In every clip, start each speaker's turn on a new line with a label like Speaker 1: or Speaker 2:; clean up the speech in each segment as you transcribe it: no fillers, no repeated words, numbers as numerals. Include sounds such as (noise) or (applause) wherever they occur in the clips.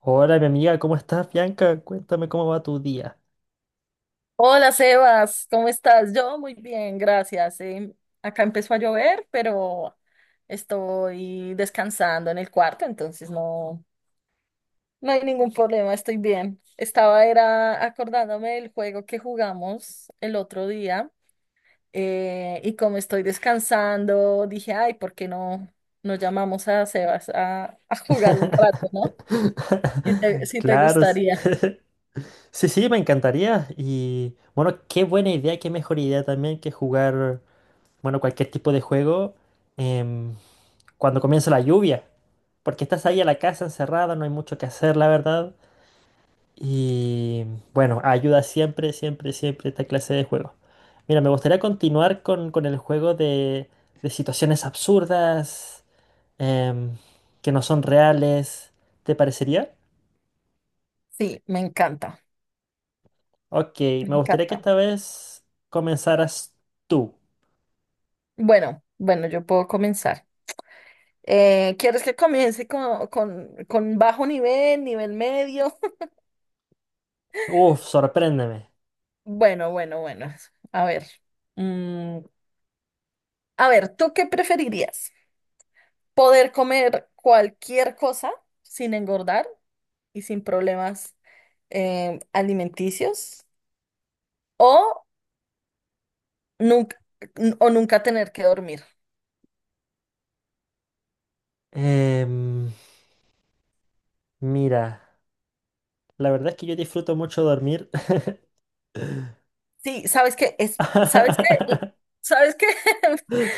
Speaker 1: Hola, mi amiga, ¿cómo estás, Bianca? Cuéntame cómo va tu día.
Speaker 2: Hola Sebas, ¿cómo estás? Yo muy bien, gracias. Acá empezó a llover, pero estoy descansando en el cuarto, entonces no, no hay ningún problema, estoy bien. Estaba era acordándome del juego que jugamos el otro día, y como estoy descansando, dije, ay, ¿por qué no nos llamamos a Sebas a jugar un rato, ¿no? Si te,
Speaker 1: (laughs)
Speaker 2: si te
Speaker 1: Claro, s-
Speaker 2: gustaría.
Speaker 1: sí, sí, me encantaría. Y bueno, qué buena idea, qué mejor idea también que jugar, bueno, cualquier tipo de juego em, cuando comienza la lluvia. Porque estás ahí a la casa encerrada, no hay mucho que hacer, la verdad. Y bueno, ayuda siempre esta clase de juegos. Mira, me gustaría continuar con el juego de situaciones absurdas, em, que no son reales. ¿Te parecería?
Speaker 2: Sí, me encanta,
Speaker 1: Ok,
Speaker 2: me
Speaker 1: me gustaría que
Speaker 2: encanta.
Speaker 1: esta vez comenzaras tú.
Speaker 2: Bueno, bueno, yo puedo comenzar. ¿Quieres que comience con bajo nivel, nivel medio? (laughs)
Speaker 1: Uf, sorpréndeme.
Speaker 2: Bueno, bueno, bueno. A ver. Mm, a ver, ¿tú qué preferirías? ¿Poder comer cualquier cosa sin engordar y sin problemas alimenticios? ¿O nunca, nunca tener que dormir?
Speaker 1: Em, Mira, la verdad es que yo disfruto mucho dormir.
Speaker 2: Sí, sabes que es, sabes que,
Speaker 1: (laughs)
Speaker 2: sabes que (laughs)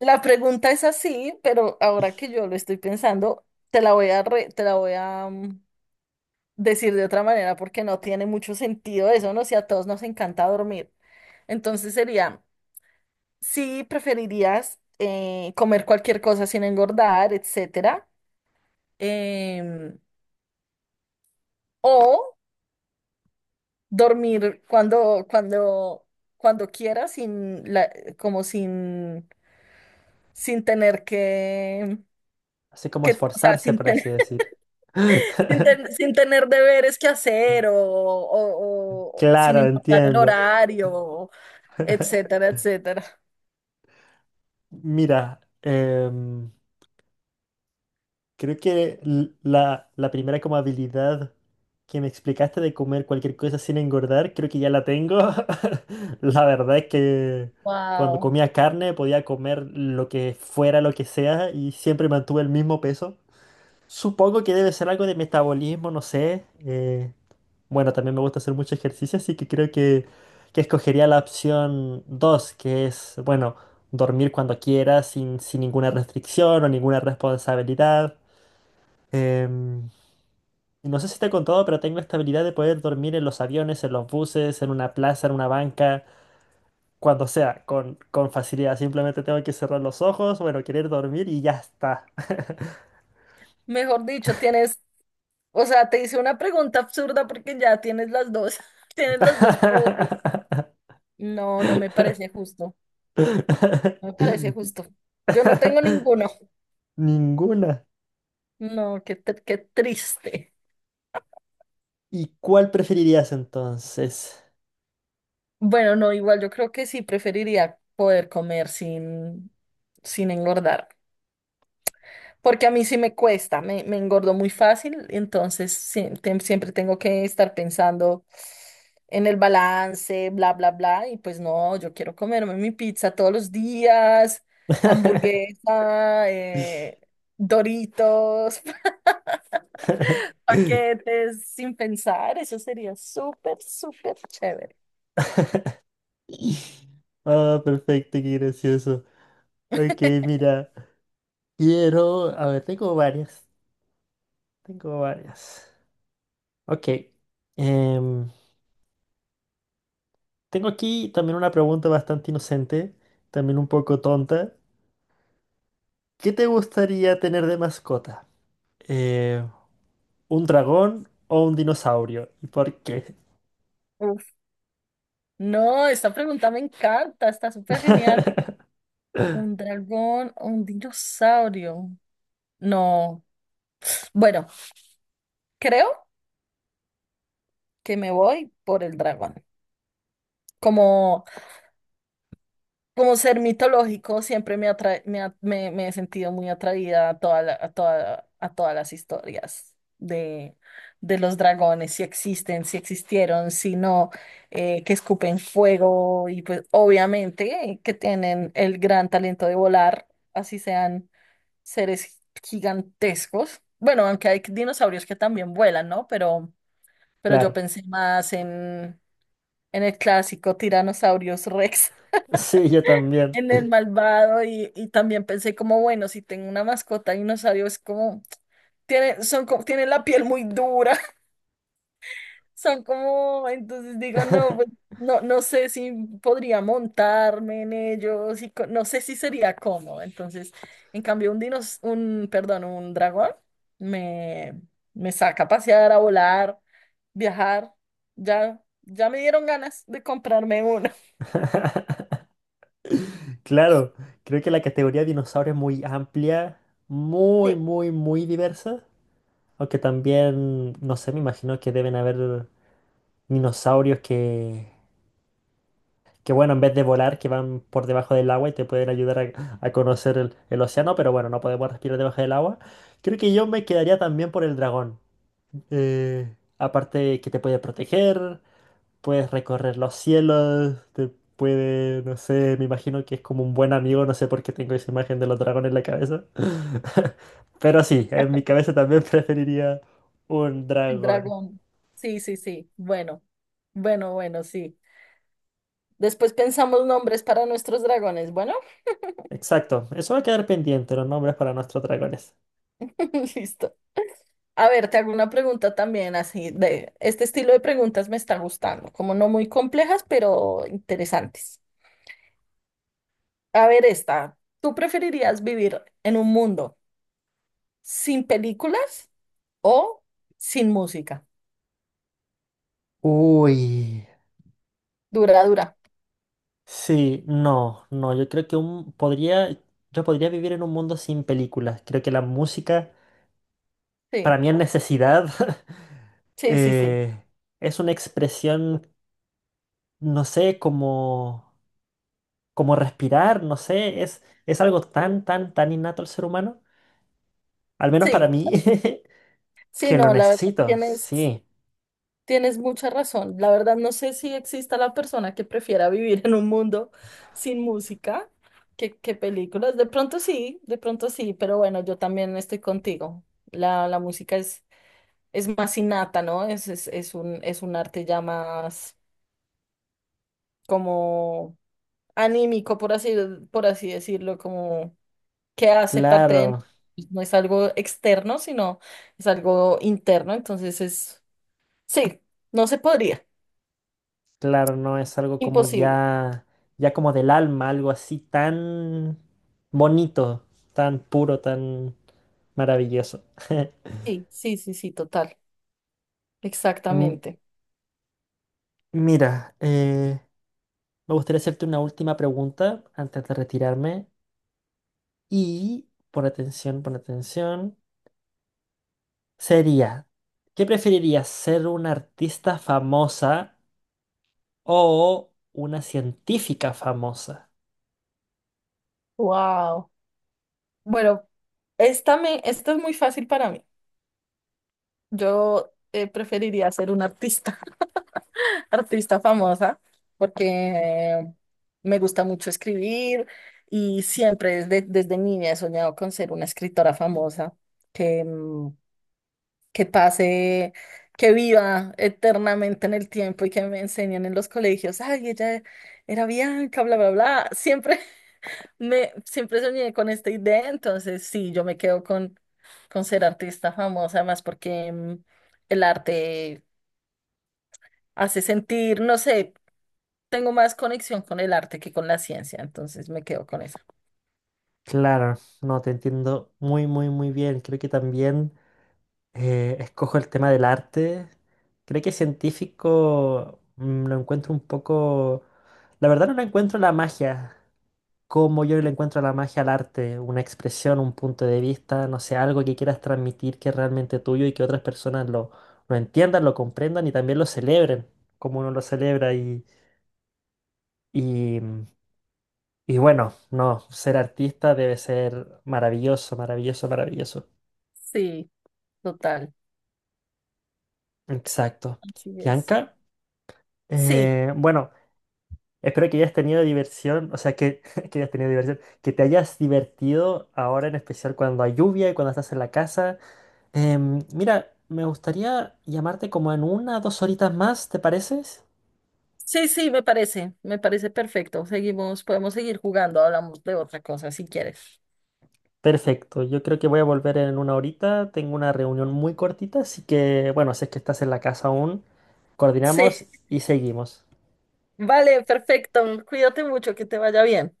Speaker 2: la pregunta es así, pero ahora que yo lo estoy pensando, te la voy a decir de otra manera porque no tiene mucho sentido eso, ¿no? Si a todos nos encanta dormir. Entonces sería, si preferirías comer cualquier cosa sin engordar, etcétera, em, o dormir cuando quieras, sin la, como sin tener que,
Speaker 1: Así como
Speaker 2: que, o sea,
Speaker 1: esforzarse,
Speaker 2: sin
Speaker 1: por
Speaker 2: tener,
Speaker 1: así decir.
Speaker 2: (laughs) sin ten-
Speaker 1: (laughs)
Speaker 2: sin tener deberes que hacer o, o sin
Speaker 1: Claro,
Speaker 2: importar el
Speaker 1: entiendo.
Speaker 2: horario.
Speaker 1: (laughs)
Speaker 2: Etcétera, etcétera.
Speaker 1: Mira, creo que la primera como habilidad que me explicaste de comer cualquier cosa sin engordar, creo que ya la tengo. (laughs) La verdad es que cuando
Speaker 2: Wow.
Speaker 1: comía carne podía comer lo que fuera, lo que sea, y siempre mantuve el mismo peso. Supongo que debe ser algo de metabolismo, no sé. Bueno, también me gusta hacer mucho ejercicio, así que creo que escogería la opción 2 que es, bueno, dormir cuando quiera sin ninguna restricción o ninguna responsabilidad. Em, no sé si te he contado, pero tengo esta habilidad de poder dormir en los aviones, en los buses, en una plaza, en una banca, cuando sea, con facilidad. Simplemente tengo que cerrar los ojos, bueno, querer dormir y ya está.
Speaker 2: Mejor dicho, tienes, o sea, te hice una pregunta absurda porque ya tienes las dos, (laughs) tienes los dos poderes. No, no me
Speaker 1: (laughs)
Speaker 2: parece justo, no me parece justo. Yo no tengo ninguno.
Speaker 1: Ninguna.
Speaker 2: No, qué triste.
Speaker 1: ¿Y cuál preferirías entonces?
Speaker 2: Bueno, no, igual yo creo que sí preferiría poder comer sin engordar. Porque a mí sí me cuesta, me engordo muy fácil, entonces sí, siempre tengo que estar pensando en el balance, bla, bla, bla, y pues no, yo quiero comerme mi pizza todos los días,
Speaker 1: (laughs)
Speaker 2: hamburguesa, Doritos, (laughs) paquetes, sin pensar, eso sería súper, súper chévere.
Speaker 1: Ah, perfecto, qué gracioso. Ok, mira, quiero... A ver, tengo varias. Tengo varias. Ok, em, tengo aquí también una pregunta bastante inocente, también un poco tonta. ¿Qué te gustaría tener de mascota? Eh, ¿Un dragón o un dinosaurio? ¿Y por qué?
Speaker 2: Uf. No, esta pregunta me encanta, está súper genial.
Speaker 1: (laughs)
Speaker 2: ¿Un dragón o un dinosaurio? No. Bueno, creo que me voy por el dragón. Como, como ser mitológico, siempre me, atrae- me, ha- me- me he sentido muy atraída a, toda la- a, toda- a todas las historias de los dragones, si existen, si existieron, si no, que escupen fuego y pues obviamente que tienen el gran talento de volar, así sean seres gigantescos. Bueno, aunque hay dinosaurios que también vuelan, ¿no? Pero yo
Speaker 1: Claro.
Speaker 2: pensé más en el clásico Tiranosaurios Rex,
Speaker 1: Sí, yo
Speaker 2: (laughs)
Speaker 1: también.
Speaker 2: en el malvado y también pensé como, bueno, si tengo una mascota dinosaurio es como, tienen la piel muy dura, (laughs) son como, entonces digo, no, pues, no, no sé si podría montarme en ellos y no sé si sería cómodo, entonces, en cambio un, perdón, un dragón me, me saca a pasear, a volar, viajar, ya, ya me dieron ganas de comprarme uno.
Speaker 1: (laughs) Claro, creo que la categoría dinosaurio es muy amplia, muy,
Speaker 2: (laughs)
Speaker 1: muy, muy diversa. Aunque también, no sé, me imagino que deben haber dinosaurios que bueno, en vez de volar, que van por debajo del agua y te pueden ayudar a conocer el océano, pero bueno, no podemos respirar debajo del agua. Creo que yo me quedaría también por el dragón. Aparte que te puede proteger, puedes recorrer los cielos, te puede, no sé, me imagino que es como un buen amigo, no sé por qué tengo esa imagen de los dragones en la cabeza. (laughs) Pero sí, en mi cabeza también (laughs) preferiría un dragón.
Speaker 2: Dragón. Sí, sí, sí. Bueno, bueno, bueno, sí. Después pensamos nombres para nuestros dragones. Bueno,
Speaker 1: Exacto, eso va a quedar pendiente, los nombres para nuestros dragones.
Speaker 2: (laughs) listo. A ver, te hago una pregunta también. Así de este estilo de preguntas me está gustando, como no muy complejas, pero interesantes. A ver, esta. ¿Tú preferirías vivir en un mundo sin películas o sin música?
Speaker 1: Uy.
Speaker 2: Dura, dura.
Speaker 1: Sí, no, no, yo creo que podría, yo podría vivir en un mundo sin películas. Creo que la música, para
Speaker 2: Sí,
Speaker 1: mí es necesidad, (laughs)
Speaker 2: sí, sí, sí.
Speaker 1: eh, es una expresión, no sé, como, como respirar, no sé, es algo tan innato al ser humano, al menos para
Speaker 2: Sí,
Speaker 1: mí, (laughs)
Speaker 2: sí,
Speaker 1: que lo
Speaker 2: no, la verdad,
Speaker 1: necesito,
Speaker 2: tienes.
Speaker 1: sí,
Speaker 2: Tienes mucha razón. La verdad, no sé si exista la persona que prefiera (laughs) vivir en un mundo sin música que películas. De pronto sí, pero bueno, yo también estoy contigo. La música es más innata, ¿no? Es un arte ya más como anímico, por así decirlo, como que hace parte de
Speaker 1: claro,
Speaker 2: nosotros. No es algo externo, sino es algo interno. Entonces es, sí, no se podría.
Speaker 1: claro, no es algo como
Speaker 2: Imposible.
Speaker 1: ya, ya como del alma, algo así tan bonito, tan puro, tan... Maravilloso. (laughs)
Speaker 2: Sí, sí, sí, sí, total,
Speaker 1: Mm,
Speaker 2: exactamente.
Speaker 1: mira, me gustaría hacerte una última pregunta antes de retirarme y pon atención, pon atención. Sería, ¿qué preferirías, ser una artista famosa o una científica famosa?
Speaker 2: Wow. Bueno, esta es muy fácil para mí. Yo, preferiría ser una artista, (laughs) artista famosa, porque me gusta mucho escribir y siempre desde niña he soñado con ser una escritora famosa que, mm, que pase, que viva eternamente en el tiempo y que me enseñen en los colegios. Ay, ella era Bianca, bla, bla, bla. Siempre. Me siempre soñé con esta idea, entonces sí, yo me quedo con ser artista famosa, más porque el arte hace sentir, no sé, tengo más conexión con el arte que con la ciencia, entonces me quedo con eso.
Speaker 1: Claro, no te entiendo muy bien. Creo que también escojo el tema del arte. Creo que científico mm, lo encuentro un poco... La verdad no le encuentro la magia, cómo yo le encuentro la magia al arte, una expresión, un punto de vista, no sé, algo que quieras transmitir que es realmente tuyo y que otras personas lo entiendan, lo comprendan y también lo celebren, como uno lo celebra. Y, y bueno, no, ser artista debe ser maravilloso, maravilloso, maravilloso.
Speaker 2: Sí, total,
Speaker 1: Exacto.
Speaker 2: así es.
Speaker 1: Bianca,
Speaker 2: Sí,
Speaker 1: bueno, espero que hayas tenido diversión, o sea, que, (laughs) que hayas tenido diversión, que te hayas divertido ahora en especial cuando hay lluvia y cuando estás en la casa. Mira, me gustaría llamarte como en una o dos horitas más, ¿te pareces?
Speaker 2: sí, sí, me parece perfecto. Seguimos, podemos seguir jugando, hablamos de otra cosa si quieres.
Speaker 1: Perfecto, yo creo que voy a volver en una horita. Tengo una reunión muy cortita, así que bueno, si es que estás en la casa aún, coordinamos
Speaker 2: Sí,
Speaker 1: y seguimos.
Speaker 2: (laughs) vale, perfecto. Cuídate mucho, que te vaya bien.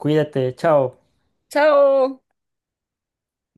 Speaker 1: Cuídate, chao.
Speaker 2: Chao.